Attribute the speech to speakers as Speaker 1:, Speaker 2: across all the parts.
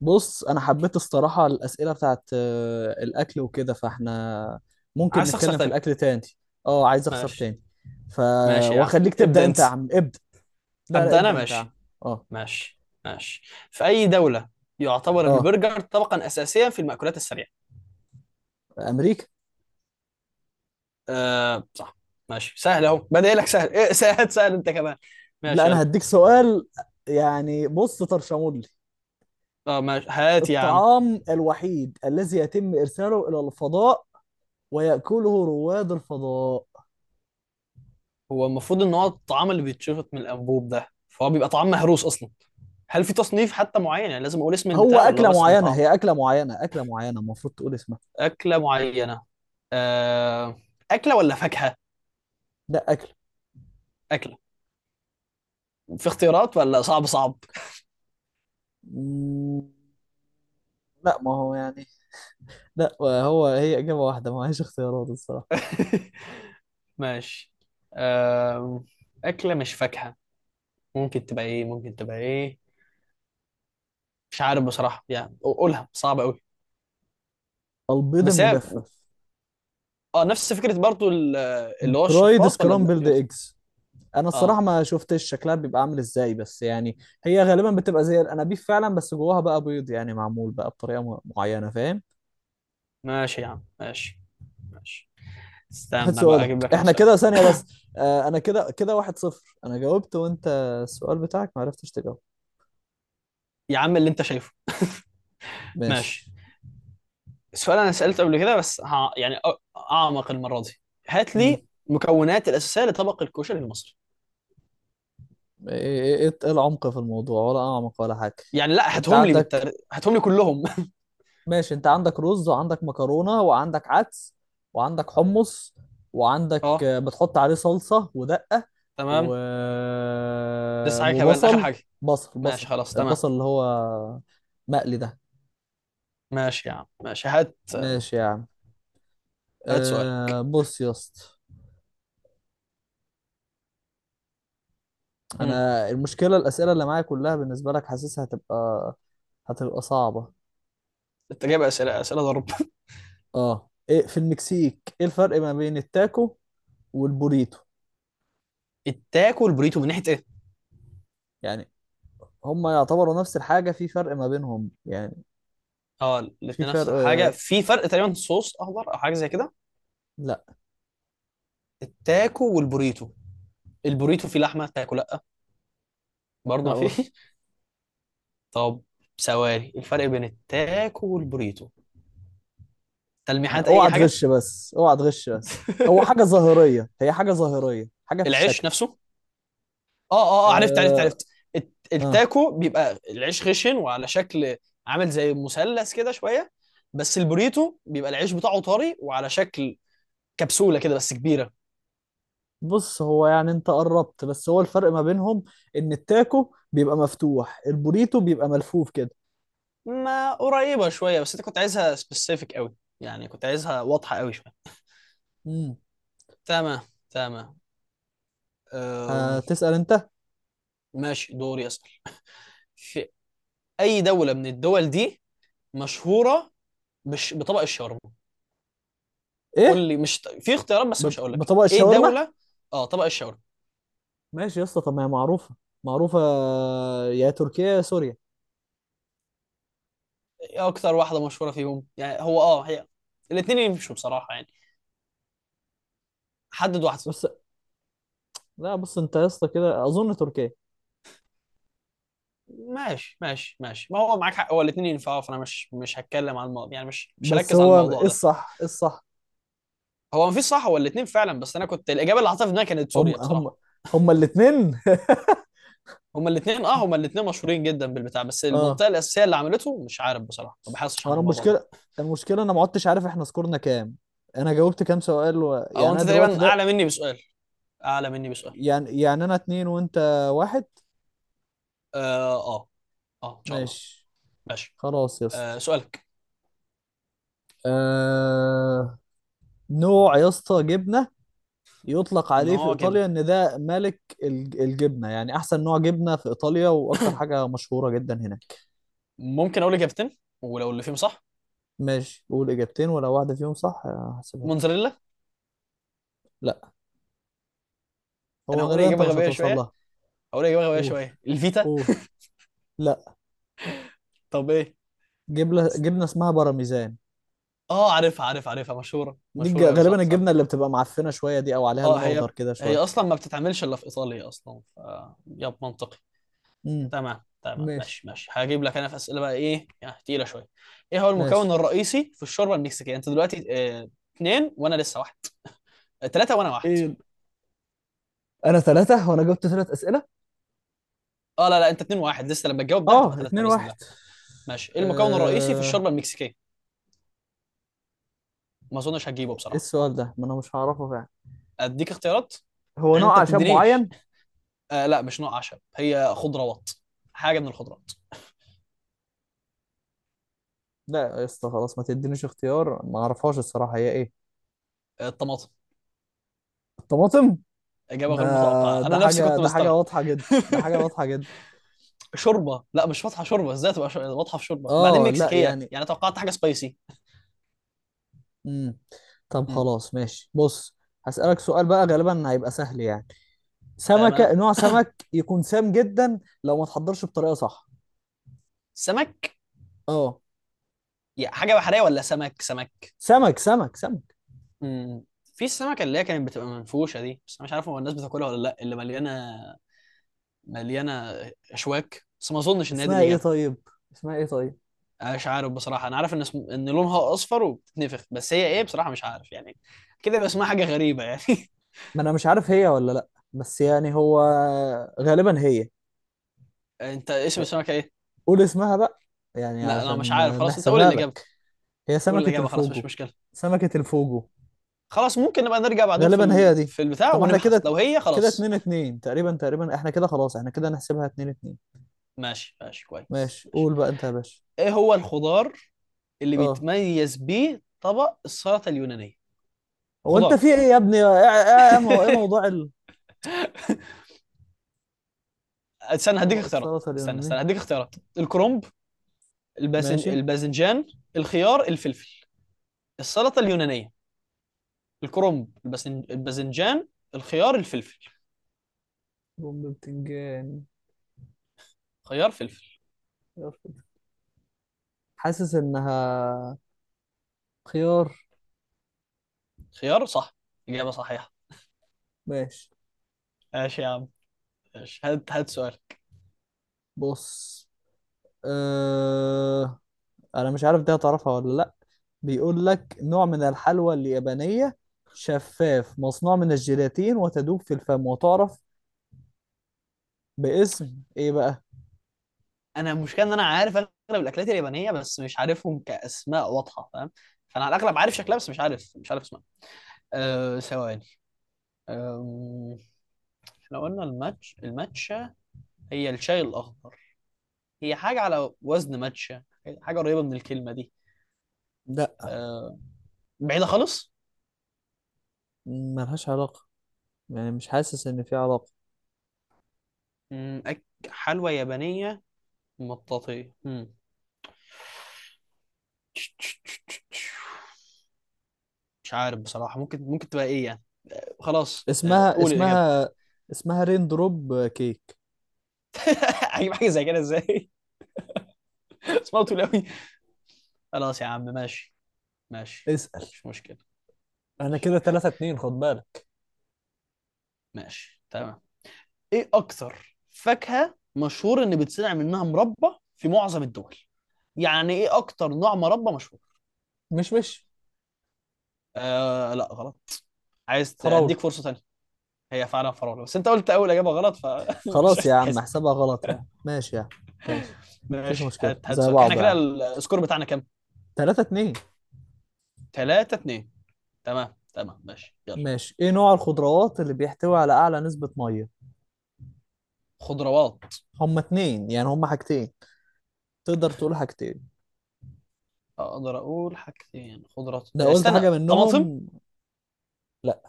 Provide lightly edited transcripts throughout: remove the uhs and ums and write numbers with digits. Speaker 1: بص، انا حبيت الصراحه الاسئله بتاعت الاكل وكده، فاحنا ممكن
Speaker 2: عايز تخسر
Speaker 1: نتكلم في
Speaker 2: تاني؟
Speaker 1: الاكل تاني. اه، عايز اخسر
Speaker 2: ماشي
Speaker 1: تاني. ف،
Speaker 2: ماشي يا عم.
Speaker 1: واخليك تبدا.
Speaker 2: ابدأ انت.
Speaker 1: انت يا عم، ابدا. لا، لا،
Speaker 2: ابدأ انا،
Speaker 1: ابدا انت يا عم.
Speaker 2: ماشي.
Speaker 1: اه،
Speaker 2: ماشي ماشي. في اي دولة يعتبر
Speaker 1: اه،
Speaker 2: البرجر طبقا اساسيا في المأكولات السريعة؟
Speaker 1: امريكا.
Speaker 2: أه صح. ماشي، سهل اهو، بدأ لك سهل. إيه، سهل سهل انت كمان.
Speaker 1: لا،
Speaker 2: ماشي يلا.
Speaker 1: انا هديك سؤال. يعني بص، طرشمولي.
Speaker 2: اه ماشي، هات يا عم.
Speaker 1: الطعام الوحيد الذي يتم ارساله الى الفضاء ويأكله رواد الفضاء.
Speaker 2: هو المفروض ان هو الطعام اللي بيتشفط من الانبوب ده، فهو بيبقى طعام مهروس اصلا. هل في تصنيف حتى معين؟ يعني لازم اقول اسم
Speaker 1: هو
Speaker 2: البتاع ولا هو
Speaker 1: اكله
Speaker 2: بس انه
Speaker 1: معينه،
Speaker 2: طعام؟
Speaker 1: هي اكله معينه، اكله معينه، المفروض تقول اسمها.
Speaker 2: اكلة معينة. أه. اكلة ولا فاكهة؟
Speaker 1: لا، اكل.
Speaker 2: اكلة. في اختيارات ولا صعب؟ صعب.
Speaker 1: مم، لا، ما هو يعني، لا هو هي إجابة واحدة، ما هيش اختيارات الصراحة.
Speaker 2: ماشي. آم، أكلة مش فاكهة. ممكن تبقى إيه؟ ممكن تبقى إيه؟ مش عارف بصراحة، يعني قولها صعب أوي.
Speaker 1: البيض
Speaker 2: بس هي،
Speaker 1: المجفف.
Speaker 2: اه، نفس فكرة برضو اللي هو
Speaker 1: درايد
Speaker 2: الشفاط، ولا لا
Speaker 1: سكرامبلد
Speaker 2: بيبقى-.
Speaker 1: ايجز. انا الصراحة
Speaker 2: اه
Speaker 1: ما شفتش شكلها بيبقى عامل ازاي بس يعني. هي غالبا بتبقى زي الانابيب فعلا، بس جواها بقى بيض يعني، معمول بقى بطريقة معينة، فاهم؟
Speaker 2: ماشي يا عم، ماشي. ماشي.
Speaker 1: خد
Speaker 2: استنى بقى، أجيب
Speaker 1: سؤالك،
Speaker 2: لك أنا
Speaker 1: احنا
Speaker 2: سؤال.
Speaker 1: كده ثانية بس. آه، انا كده كده 1-0. انا جاوبت وانت، السؤال بتاعك ما عرفتش تجاوب.
Speaker 2: يا عم اللي أنت شايفه. ماشي.
Speaker 1: ماشي.
Speaker 2: السؤال أنا سألته قبل كده، بس ها يعني أعمق المرة دي. هات
Speaker 1: مم.
Speaker 2: لي مكونات الأساسية لطبق الكشري المصري،
Speaker 1: ايه ايه إيه العمق في الموضوع ولا اعمق ولا حاجة؟
Speaker 2: يعني لا،
Speaker 1: انت
Speaker 2: هاتهم لي
Speaker 1: عندك
Speaker 2: بالتر... هاتهم لي كلهم.
Speaker 1: ماشي، انت عندك رز وعندك مكرونة وعندك عدس وعندك حمص وعندك
Speaker 2: اه
Speaker 1: بتحط عليه صلصة ودقة.
Speaker 2: تمام.
Speaker 1: و...
Speaker 2: لسه حاجة كمان؟ آخر
Speaker 1: وبصل،
Speaker 2: حاجة.
Speaker 1: بصل
Speaker 2: ماشي
Speaker 1: بصل.
Speaker 2: خلاص، تمام.
Speaker 1: البصل اللي هو مقلي ده.
Speaker 2: ماشي يا عم، ماشي. هات
Speaker 1: ماشي يا عم.
Speaker 2: هات سؤال.
Speaker 1: بص يا اسطى،
Speaker 2: مم.
Speaker 1: انا المشكلة الأسئلة اللي معايا كلها بالنسبة لك حاسسها هتبقى صعبة.
Speaker 2: انت جايب اسئله، اسئله ضرب.
Speaker 1: اه، ايه في المكسيك، ايه الفرق ما بين التاكو والبوريتو؟
Speaker 2: التاكو والبوريتو من ناحيه ايه؟
Speaker 1: يعني، هما يعتبروا نفس الحاجة، في فرق ما بينهم يعني.
Speaker 2: اه،
Speaker 1: في
Speaker 2: الاثنين
Speaker 1: فرق.
Speaker 2: نفس الحاجه، في فرق تقريبا، صوص اخضر او حاجه زي كده.
Speaker 1: لا.
Speaker 2: التاكو والبوريتو، البوريتو فيه لحمه، التاكو لا، برضه ما
Speaker 1: لا،
Speaker 2: فيه.
Speaker 1: برضه.
Speaker 2: طب ثواني، الفرق بين التاكو والبوريتو، تلميحات، اي
Speaker 1: اوعى
Speaker 2: حاجه.
Speaker 1: تغش بس، اوعى تغش بس. هو حاجة ظاهرية، هي حاجة ظاهرية، حاجة في
Speaker 2: العيش
Speaker 1: الشكل.
Speaker 2: نفسه. اه اه اه، عرفت عرفت
Speaker 1: اه،
Speaker 2: عرفت.
Speaker 1: آه.
Speaker 2: التاكو بيبقى العيش خشن، وعلى شكل عامل زي مثلث كده شويه. بس البوريتو بيبقى العيش بتاعه طري، وعلى شكل كبسولة كده بس كبيرة.
Speaker 1: بص، هو يعني انت قربت، بس هو الفرق ما بينهم ان التاكو بيبقى مفتوح، البوريتو بيبقى ملفوف كده.
Speaker 2: ما قريبة شوية، بس انت كنت عايزها سبيسيفيك قوي، يعني كنت عايزها واضحة قوي شوية.
Speaker 1: امم
Speaker 2: تمام تمام. أم،
Speaker 1: هتسأل انت؟
Speaker 2: ماشي دوري أسأل. في أي دولة من الدول دي مشهورة بطبق الشاورما؟ قول
Speaker 1: ايه؟
Speaker 2: لي، مش في اختيارات بس مش هقول لك
Speaker 1: بطبق
Speaker 2: ايه
Speaker 1: الشاورما؟
Speaker 2: دولة. اه طبق الشاورما.
Speaker 1: ماشي يا اسطى، طب ما هي معروفة، معروفة، يا تركيا يا سوريا.
Speaker 2: ايه اكتر واحدة مشهورة فيهم؟ يعني هو اه هي، الاتنين يمشوا بصراحة، يعني حدد واحدة.
Speaker 1: بس، لا بص، انت يا اسطى كده اظن تركيا.
Speaker 2: ماشي ماشي ماشي، ما هو معاك حق، هو الاتنين ينفعوا، فانا مش هتكلم عن الموضوع، يعني مش
Speaker 1: بس
Speaker 2: هركز على
Speaker 1: هو
Speaker 2: الموضوع
Speaker 1: ايه
Speaker 2: ده.
Speaker 1: الصح، ايه الصح؟
Speaker 2: هو مفيش صح ولا الاتنين فعلا، بس انا كنت الاجابه اللي حاططها في دماغي كانت
Speaker 1: هم،
Speaker 2: سوريا
Speaker 1: هم.
Speaker 2: بصراحه.
Speaker 1: هم الاثنين.
Speaker 2: هما الاتنين، اه هما الاتنين مشهورين جدا بالبتاع، بس
Speaker 1: اه.
Speaker 2: المنطقه الاساسيه اللي عملته مش عارف بصراحه، ما بحسش
Speaker 1: هو
Speaker 2: عن
Speaker 1: انا
Speaker 2: الموضوع ده.
Speaker 1: المشكله، المشكله انا ما عدتش عارف احنا سكورنا كام. انا جاوبت كام سؤال
Speaker 2: او
Speaker 1: يعني انا
Speaker 2: انت
Speaker 1: دلوقتي
Speaker 2: تقريبا
Speaker 1: ده.
Speaker 2: اعلى مني بسؤال، اعلى مني بسؤال.
Speaker 1: يعني انا اتنين وانت واحد.
Speaker 2: اه اه، آه ان شاء الله.
Speaker 1: ماشي.
Speaker 2: ماشي.
Speaker 1: خلاص يا
Speaker 2: آه
Speaker 1: اسطى.
Speaker 2: سؤالك.
Speaker 1: آه... نوع يا اسطى جبنه، يطلق عليه في
Speaker 2: نوع جبن.
Speaker 1: ايطاليا ان ده ملك الجبنه، يعني احسن نوع جبنه في ايطاليا، واكتر حاجه مشهوره جدا هناك.
Speaker 2: ممكن اقول اجابتين، ولو اللي فيهم صح؟
Speaker 1: ماشي، قول اجابتين ولو واحده فيهم صح هحسبها لك.
Speaker 2: موتزاريلا.
Speaker 1: لا،
Speaker 2: انا
Speaker 1: هو
Speaker 2: هقول
Speaker 1: غالبا انت
Speaker 2: اجابه
Speaker 1: مش
Speaker 2: غبيه
Speaker 1: هتوصل
Speaker 2: شويه،
Speaker 1: لها.
Speaker 2: هقول اجابه غبيه
Speaker 1: قول،
Speaker 2: شويه، الفيتا.
Speaker 1: قول. لا.
Speaker 2: طب ايه؟
Speaker 1: جبنه، جبنه اسمها بارميزان.
Speaker 2: اه عارفها عارفها عارفها، مشهوره
Speaker 1: دي
Speaker 2: مشهوره قوي، صح
Speaker 1: غالبا
Speaker 2: صح.
Speaker 1: الجبنه اللي بتبقى معفنه شويه دي، او عليها
Speaker 2: اه
Speaker 1: لون اخضر
Speaker 2: هي،
Speaker 1: كده
Speaker 2: هي
Speaker 1: شويه.
Speaker 2: اصلا ما بتتعملش الا في ايطاليا اصلا، ف يب منطقي.
Speaker 1: امم.
Speaker 2: تمام تمام،
Speaker 1: ماشي،
Speaker 2: ماشي ماشي. هجيب لك انا في اسئله بقى ايه، يعني تقيله شويه. ايه هو المكون
Speaker 1: ماشي.
Speaker 2: الرئيسي في الشوربه المكسيكيه؟ انت دلوقتي اه اتنين وانا لسه واحد. اه تلاته وانا واحد.
Speaker 1: ايه؟ انا ثلاثة، وانا جبت ثلاث اسئلة.
Speaker 2: اه لا لا، انت اتنين واحد لسه، لما تجاوب ده هتبقى
Speaker 1: اه،
Speaker 2: تلاته
Speaker 1: اتنين
Speaker 2: باذن
Speaker 1: واحد.
Speaker 2: الله. ماشي، ايه المكون الرئيسي في
Speaker 1: آه،
Speaker 2: الشوربه المكسيكيه؟ ما اظنش هتجيبه
Speaker 1: ايه
Speaker 2: بصراحه.
Speaker 1: السؤال ده، ما انا مش هعرفه فعلا.
Speaker 2: اديك اختيارات؟
Speaker 1: هو
Speaker 2: يعني انت
Speaker 1: نوع عشان
Speaker 2: بتدينيش.
Speaker 1: معين؟
Speaker 2: آه لا مش نوع عشب، هي خضروات، حاجه من الخضروات.
Speaker 1: لا يا اسطى خلاص، ما تدينيش اختيار، ما اعرفهاش الصراحه، هي ايه؟
Speaker 2: آه الطماطم.
Speaker 1: الطماطم؟
Speaker 2: اجابه
Speaker 1: ده
Speaker 2: غير متوقعه،
Speaker 1: ده
Speaker 2: انا نفسي
Speaker 1: حاجه،
Speaker 2: كنت
Speaker 1: ده حاجه
Speaker 2: مستغرب.
Speaker 1: واضحه جدا، ده حاجه واضحه جدا.
Speaker 2: شوربه، لا مش فاتحه شوربه، ازاي تبقى واضحه في شوربه؟ بعدين
Speaker 1: اه، لا
Speaker 2: مكسيكيه
Speaker 1: يعني.
Speaker 2: يعني، توقعت حاجه سبايسي.
Speaker 1: امم طب
Speaker 2: مم.
Speaker 1: خلاص ماشي، بص، هسألك سؤال بقى، غالبا هيبقى سهل يعني.
Speaker 2: تمام.
Speaker 1: سمكة، نوع سمك يكون سام جدا لو ما تحضرش بطريقة صح.
Speaker 2: سمك.
Speaker 1: اه.
Speaker 2: يا حاجة بحرية ولا سمك؟ سمك.
Speaker 1: سمك، سمك، سمك.
Speaker 2: مم. في السمكة اللي هي كانت بتبقى منفوشة دي، بس أنا مش عارف هو الناس بتاكلها ولا لأ، اللي مليانة، مليانة أشواك، بس ما أظنش إن هي دي
Speaker 1: اسمها ايه
Speaker 2: الإجابة.
Speaker 1: طيب؟ اسمها ايه طيب؟
Speaker 2: أنا مش عارف بصراحة، أنا عارف إن اسم... إن لونها أصفر وبتتنفخ، بس هي إيه بصراحة مش عارف يعني. كده يبقى اسمها حاجة غريبة يعني.
Speaker 1: ما انا مش عارف هي ولا لا، بس يعني هو غالبا هي.
Speaker 2: أنت اسم السمكة إيه؟
Speaker 1: قول اسمها بقى، يعني
Speaker 2: لا أنا مش
Speaker 1: علشان
Speaker 2: عارف خلاص، أنت قول
Speaker 1: نحسبها
Speaker 2: الإجابة.
Speaker 1: لك. هي
Speaker 2: قول
Speaker 1: سمكة
Speaker 2: الإجابة خلاص، مش
Speaker 1: الفوجو.
Speaker 2: مشكلة.
Speaker 1: سمكة الفوجو.
Speaker 2: خلاص ممكن نبقى نرجع بعدين في
Speaker 1: غالبا هي
Speaker 2: ال...
Speaker 1: دي.
Speaker 2: في البتاع
Speaker 1: طب احنا
Speaker 2: ونبحث
Speaker 1: كده،
Speaker 2: لو هي
Speaker 1: كده
Speaker 2: خلاص.
Speaker 1: اتنين اتنين تقريبا، تقريبا احنا كده خلاص، احنا كده نحسبها اتنين اتنين.
Speaker 2: ماشي ماشي، كويس،
Speaker 1: ماشي،
Speaker 2: ماشي.
Speaker 1: قول بقى انت يا باشا.
Speaker 2: إيه هو الخضار اللي
Speaker 1: اه
Speaker 2: بيتميز بيه طبق السلطه اليونانيه؟
Speaker 1: هو انت
Speaker 2: خضار.
Speaker 1: في ايه يا ابني، ايه ايه موضوع
Speaker 2: استنى هديك
Speaker 1: طبق
Speaker 2: اختيارات،
Speaker 1: السلطه
Speaker 2: استنى
Speaker 1: اليوناني؟
Speaker 2: استنى هديك اختيارات. الكرنب،
Speaker 1: ماشي.
Speaker 2: الباذنجان، الخيار، الفلفل. السلطه اليونانيه. الكرنب، الباذنجان، الخيار، الفلفل.
Speaker 1: بوم بتنجان.
Speaker 2: خيار فلفل.
Speaker 1: حاسس انها، خيار.
Speaker 2: خيار. صح، اجابه صحيحه.
Speaker 1: ماشي.
Speaker 2: ماشي يا عم ماشي، هات هات سؤال.
Speaker 1: بص، اه... انا مش عارف دي هتعرفها ولا لا. بيقول لك، نوع من الحلوى اليابانيه، شفاف، مصنوع من الجيلاتين وتدوب في الفم، وتعرف باسم ايه بقى؟
Speaker 2: انا المشكله ان انا عارف اغلب الاكلات اليابانيه، بس مش عارفهم كاسماء واضحه، فاهم؟ فانا على الاغلب عارف شكلها، بس مش عارف اسمها. أه ثواني. أم... احنا قلنا الماتشا، هي الشاي الأخضر. هي حاجة على وزن ماتشا، حاجة قريبة من الكلمة دي.
Speaker 1: لا،
Speaker 2: أه بعيدة خالص.
Speaker 1: ملهاش علاقه، يعني مش حاسس ان في علاقه.
Speaker 2: مم، حلوى يابانية مطاطية. مم. مش عارف بصراحة، ممكن ممكن تبقى إيه يعني؟ خلاص أه،
Speaker 1: اسمها
Speaker 2: قول الإجابة.
Speaker 1: اسمها اسمها رين دروب كيك.
Speaker 2: هجيب حاجة زي كده إزاي؟ اسمها طويل أوي. خلاص يا عم ماشي، ماشي.
Speaker 1: اسأل.
Speaker 2: مش مشكلة.
Speaker 1: انا
Speaker 2: ماشي
Speaker 1: كده 3-2، خد بالك.
Speaker 2: ماشي، تمام. إيه أكتر فاكهة مشهور إن بتصنع منها مربى في معظم الدول؟ يعني ايه اكتر نوع مربى مشهور؟
Speaker 1: مش مش
Speaker 2: آه لا غلط، عايز
Speaker 1: طراولة.
Speaker 2: اديك فرصه ثانيه؟ هي فعلا فراوله، بس انت قلت اول اجابه غلط فمش
Speaker 1: خلاص يا عم
Speaker 2: هتتحسب.
Speaker 1: احسبها غلط يا عم، ماشي يا عم. ماشي. مفيش
Speaker 2: ماشي، هات
Speaker 1: مشكلة،
Speaker 2: هات
Speaker 1: زي
Speaker 2: سؤال. احنا
Speaker 1: بعضه يا
Speaker 2: كده
Speaker 1: عم.
Speaker 2: السكور بتاعنا كام؟
Speaker 1: 3-2.
Speaker 2: 3 2. تمام تمام، ماشي يلا.
Speaker 1: ماشي، ايه نوع الخضروات اللي بيحتوي على اعلى نسبة مية؟
Speaker 2: خضروات.
Speaker 1: هما اتنين، يعني هما حاجتين، تقدر تقول حاجتين.
Speaker 2: اقدر اقول حاجتين خضروات؟
Speaker 1: لو قلت
Speaker 2: استنى.
Speaker 1: حاجة
Speaker 2: طماطم.
Speaker 1: منهم. لا.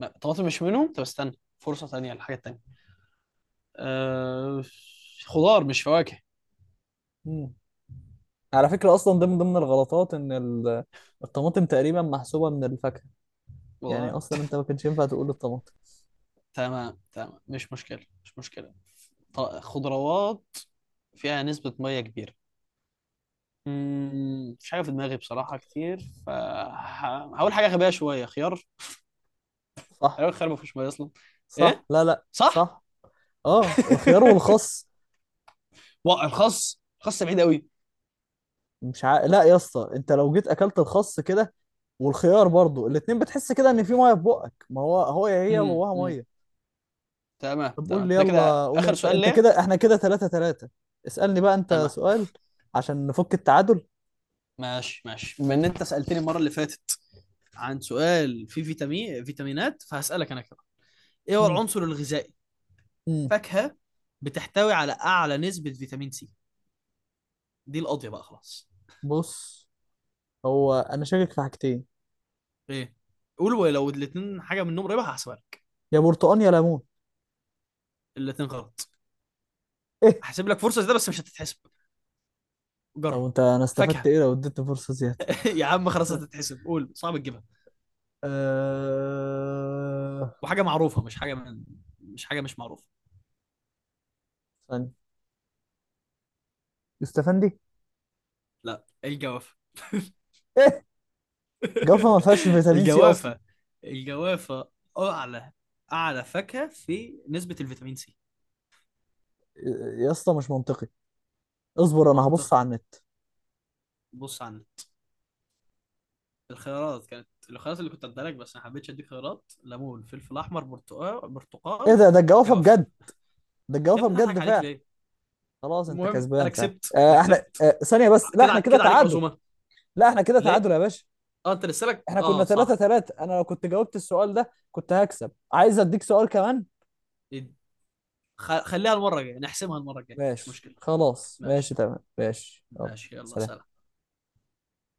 Speaker 2: لا طماطم مش منهم، طب استنى فرصه ثانيه للحاجه الثانيه. أه... خضار مش فواكه.
Speaker 1: مم. على فكرة اصلا ده من ضمن الغلطات ان الطماطم تقريبا محسوبة من الفاكهة. يعني
Speaker 2: والله.
Speaker 1: اصلا انت ما كانش ينفع تقول الطماطم.
Speaker 2: تمام تمام، مش مشكله مش مشكله. خضروات فيها نسبة مية كبيرة. مم، مفيش حاجه في دماغي بصراحه كتير، فهقول حاجه غبيه شويه، خيار.
Speaker 1: صح،
Speaker 2: تقريبا الخيار ما فيهوش ميه اصلا.
Speaker 1: صح،
Speaker 2: ايه
Speaker 1: لا، لا،
Speaker 2: صح.
Speaker 1: صح. اه، الخيار والخس.
Speaker 2: الخس، الخس بعيد قوي.
Speaker 1: مش ع... لا يا اسطى، انت لو جيت اكلت الخس كده والخيار برضو، الاتنين بتحس كده ان في ميه في بقك، ما هو هي
Speaker 2: مم،
Speaker 1: جواها
Speaker 2: مم.
Speaker 1: ميه.
Speaker 2: تمام
Speaker 1: طب قول
Speaker 2: تمام،
Speaker 1: لي،
Speaker 2: ده كده
Speaker 1: يلا قول
Speaker 2: اخر
Speaker 1: انت
Speaker 2: سؤال
Speaker 1: انت
Speaker 2: ليه.
Speaker 1: كده احنا كده 3-3. اسألني بقى انت
Speaker 2: تمام.
Speaker 1: سؤال، عشان نفك التعادل.
Speaker 2: ماشي ماشي. بما ان انت سالتني المره اللي فاتت عن سؤال فيه فيتامين، فيتامينات، فهسالك انا كمان. ايه هو
Speaker 1: امم
Speaker 2: العنصر الغذائي،
Speaker 1: امم
Speaker 2: فاكهه، بتحتوي على اعلى نسبه فيتامين سي؟ دي القاضيه بقى خلاص.
Speaker 1: بص، هو انا شاكك في حاجتين.
Speaker 2: ايه؟ قول، ولو الاثنين حاجه منهم قريبه هحسبها لك.
Speaker 1: يا برتقال يا ليمون.
Speaker 2: الاثنين غلط.
Speaker 1: ايه؟
Speaker 2: احسب لك فرصه زي ده، بس مش هتتحسب.
Speaker 1: طب
Speaker 2: جرب.
Speaker 1: انت، انا استفدت
Speaker 2: فاكهه.
Speaker 1: ايه لو اديتني فرصة زيادة؟
Speaker 2: يا عم خلاص هتتحسب، قول صعب تجيبها،
Speaker 1: آه...
Speaker 2: وحاجه معروفه، مش حاجه من... مش حاجه مش معروفه.
Speaker 1: استنى، استفندي.
Speaker 2: لا الجوافه.
Speaker 1: جافا ما فيهاش فيتامين سي اصلا.
Speaker 2: الجوافه. الجوافه اعلى، اعلى فاكهه في نسبه الفيتامين سي.
Speaker 1: يا اسطى مش منطقي، اصبر انا هبص
Speaker 2: منطقي.
Speaker 1: على النت.
Speaker 2: بص عندك، الخيارات كانت، الخيارات اللي كنت اديها لك، بس ما حبيتش اديك خيارات، ليمون، فلفل احمر، برتقال،
Speaker 1: ايه؟
Speaker 2: برتقال.
Speaker 1: ده الجوافه
Speaker 2: جوافه.
Speaker 1: بجد. ده
Speaker 2: يا
Speaker 1: الجوافه
Speaker 2: ابني أنا هضحك
Speaker 1: بجد
Speaker 2: عليك
Speaker 1: فعلا.
Speaker 2: ليه؟
Speaker 1: خلاص انت
Speaker 2: المهم انا
Speaker 1: كسبان فعلا.
Speaker 2: كسبت انا
Speaker 1: احنا،
Speaker 2: كسبت،
Speaker 1: ثانيه بس. لا
Speaker 2: كده
Speaker 1: احنا كده
Speaker 2: كده عليك
Speaker 1: تعادل.
Speaker 2: عزومه.
Speaker 1: لا احنا كده
Speaker 2: ليه؟
Speaker 1: تعادل يا باشا.
Speaker 2: اه انت لسه لك،
Speaker 1: احنا كنا
Speaker 2: اه
Speaker 1: 3
Speaker 2: صح.
Speaker 1: 3 انا لو كنت جاوبت السؤال ده كنت هكسب، عايز اديك سؤال كمان.
Speaker 2: يد- خليها المره الجايه نحسمها، المره الجايه مش
Speaker 1: ماشي
Speaker 2: مشكله.
Speaker 1: خلاص، ماشي
Speaker 2: ماشي.
Speaker 1: تمام، ماشي يلا،
Speaker 2: ماشي يلا، سلام.
Speaker 1: سلام.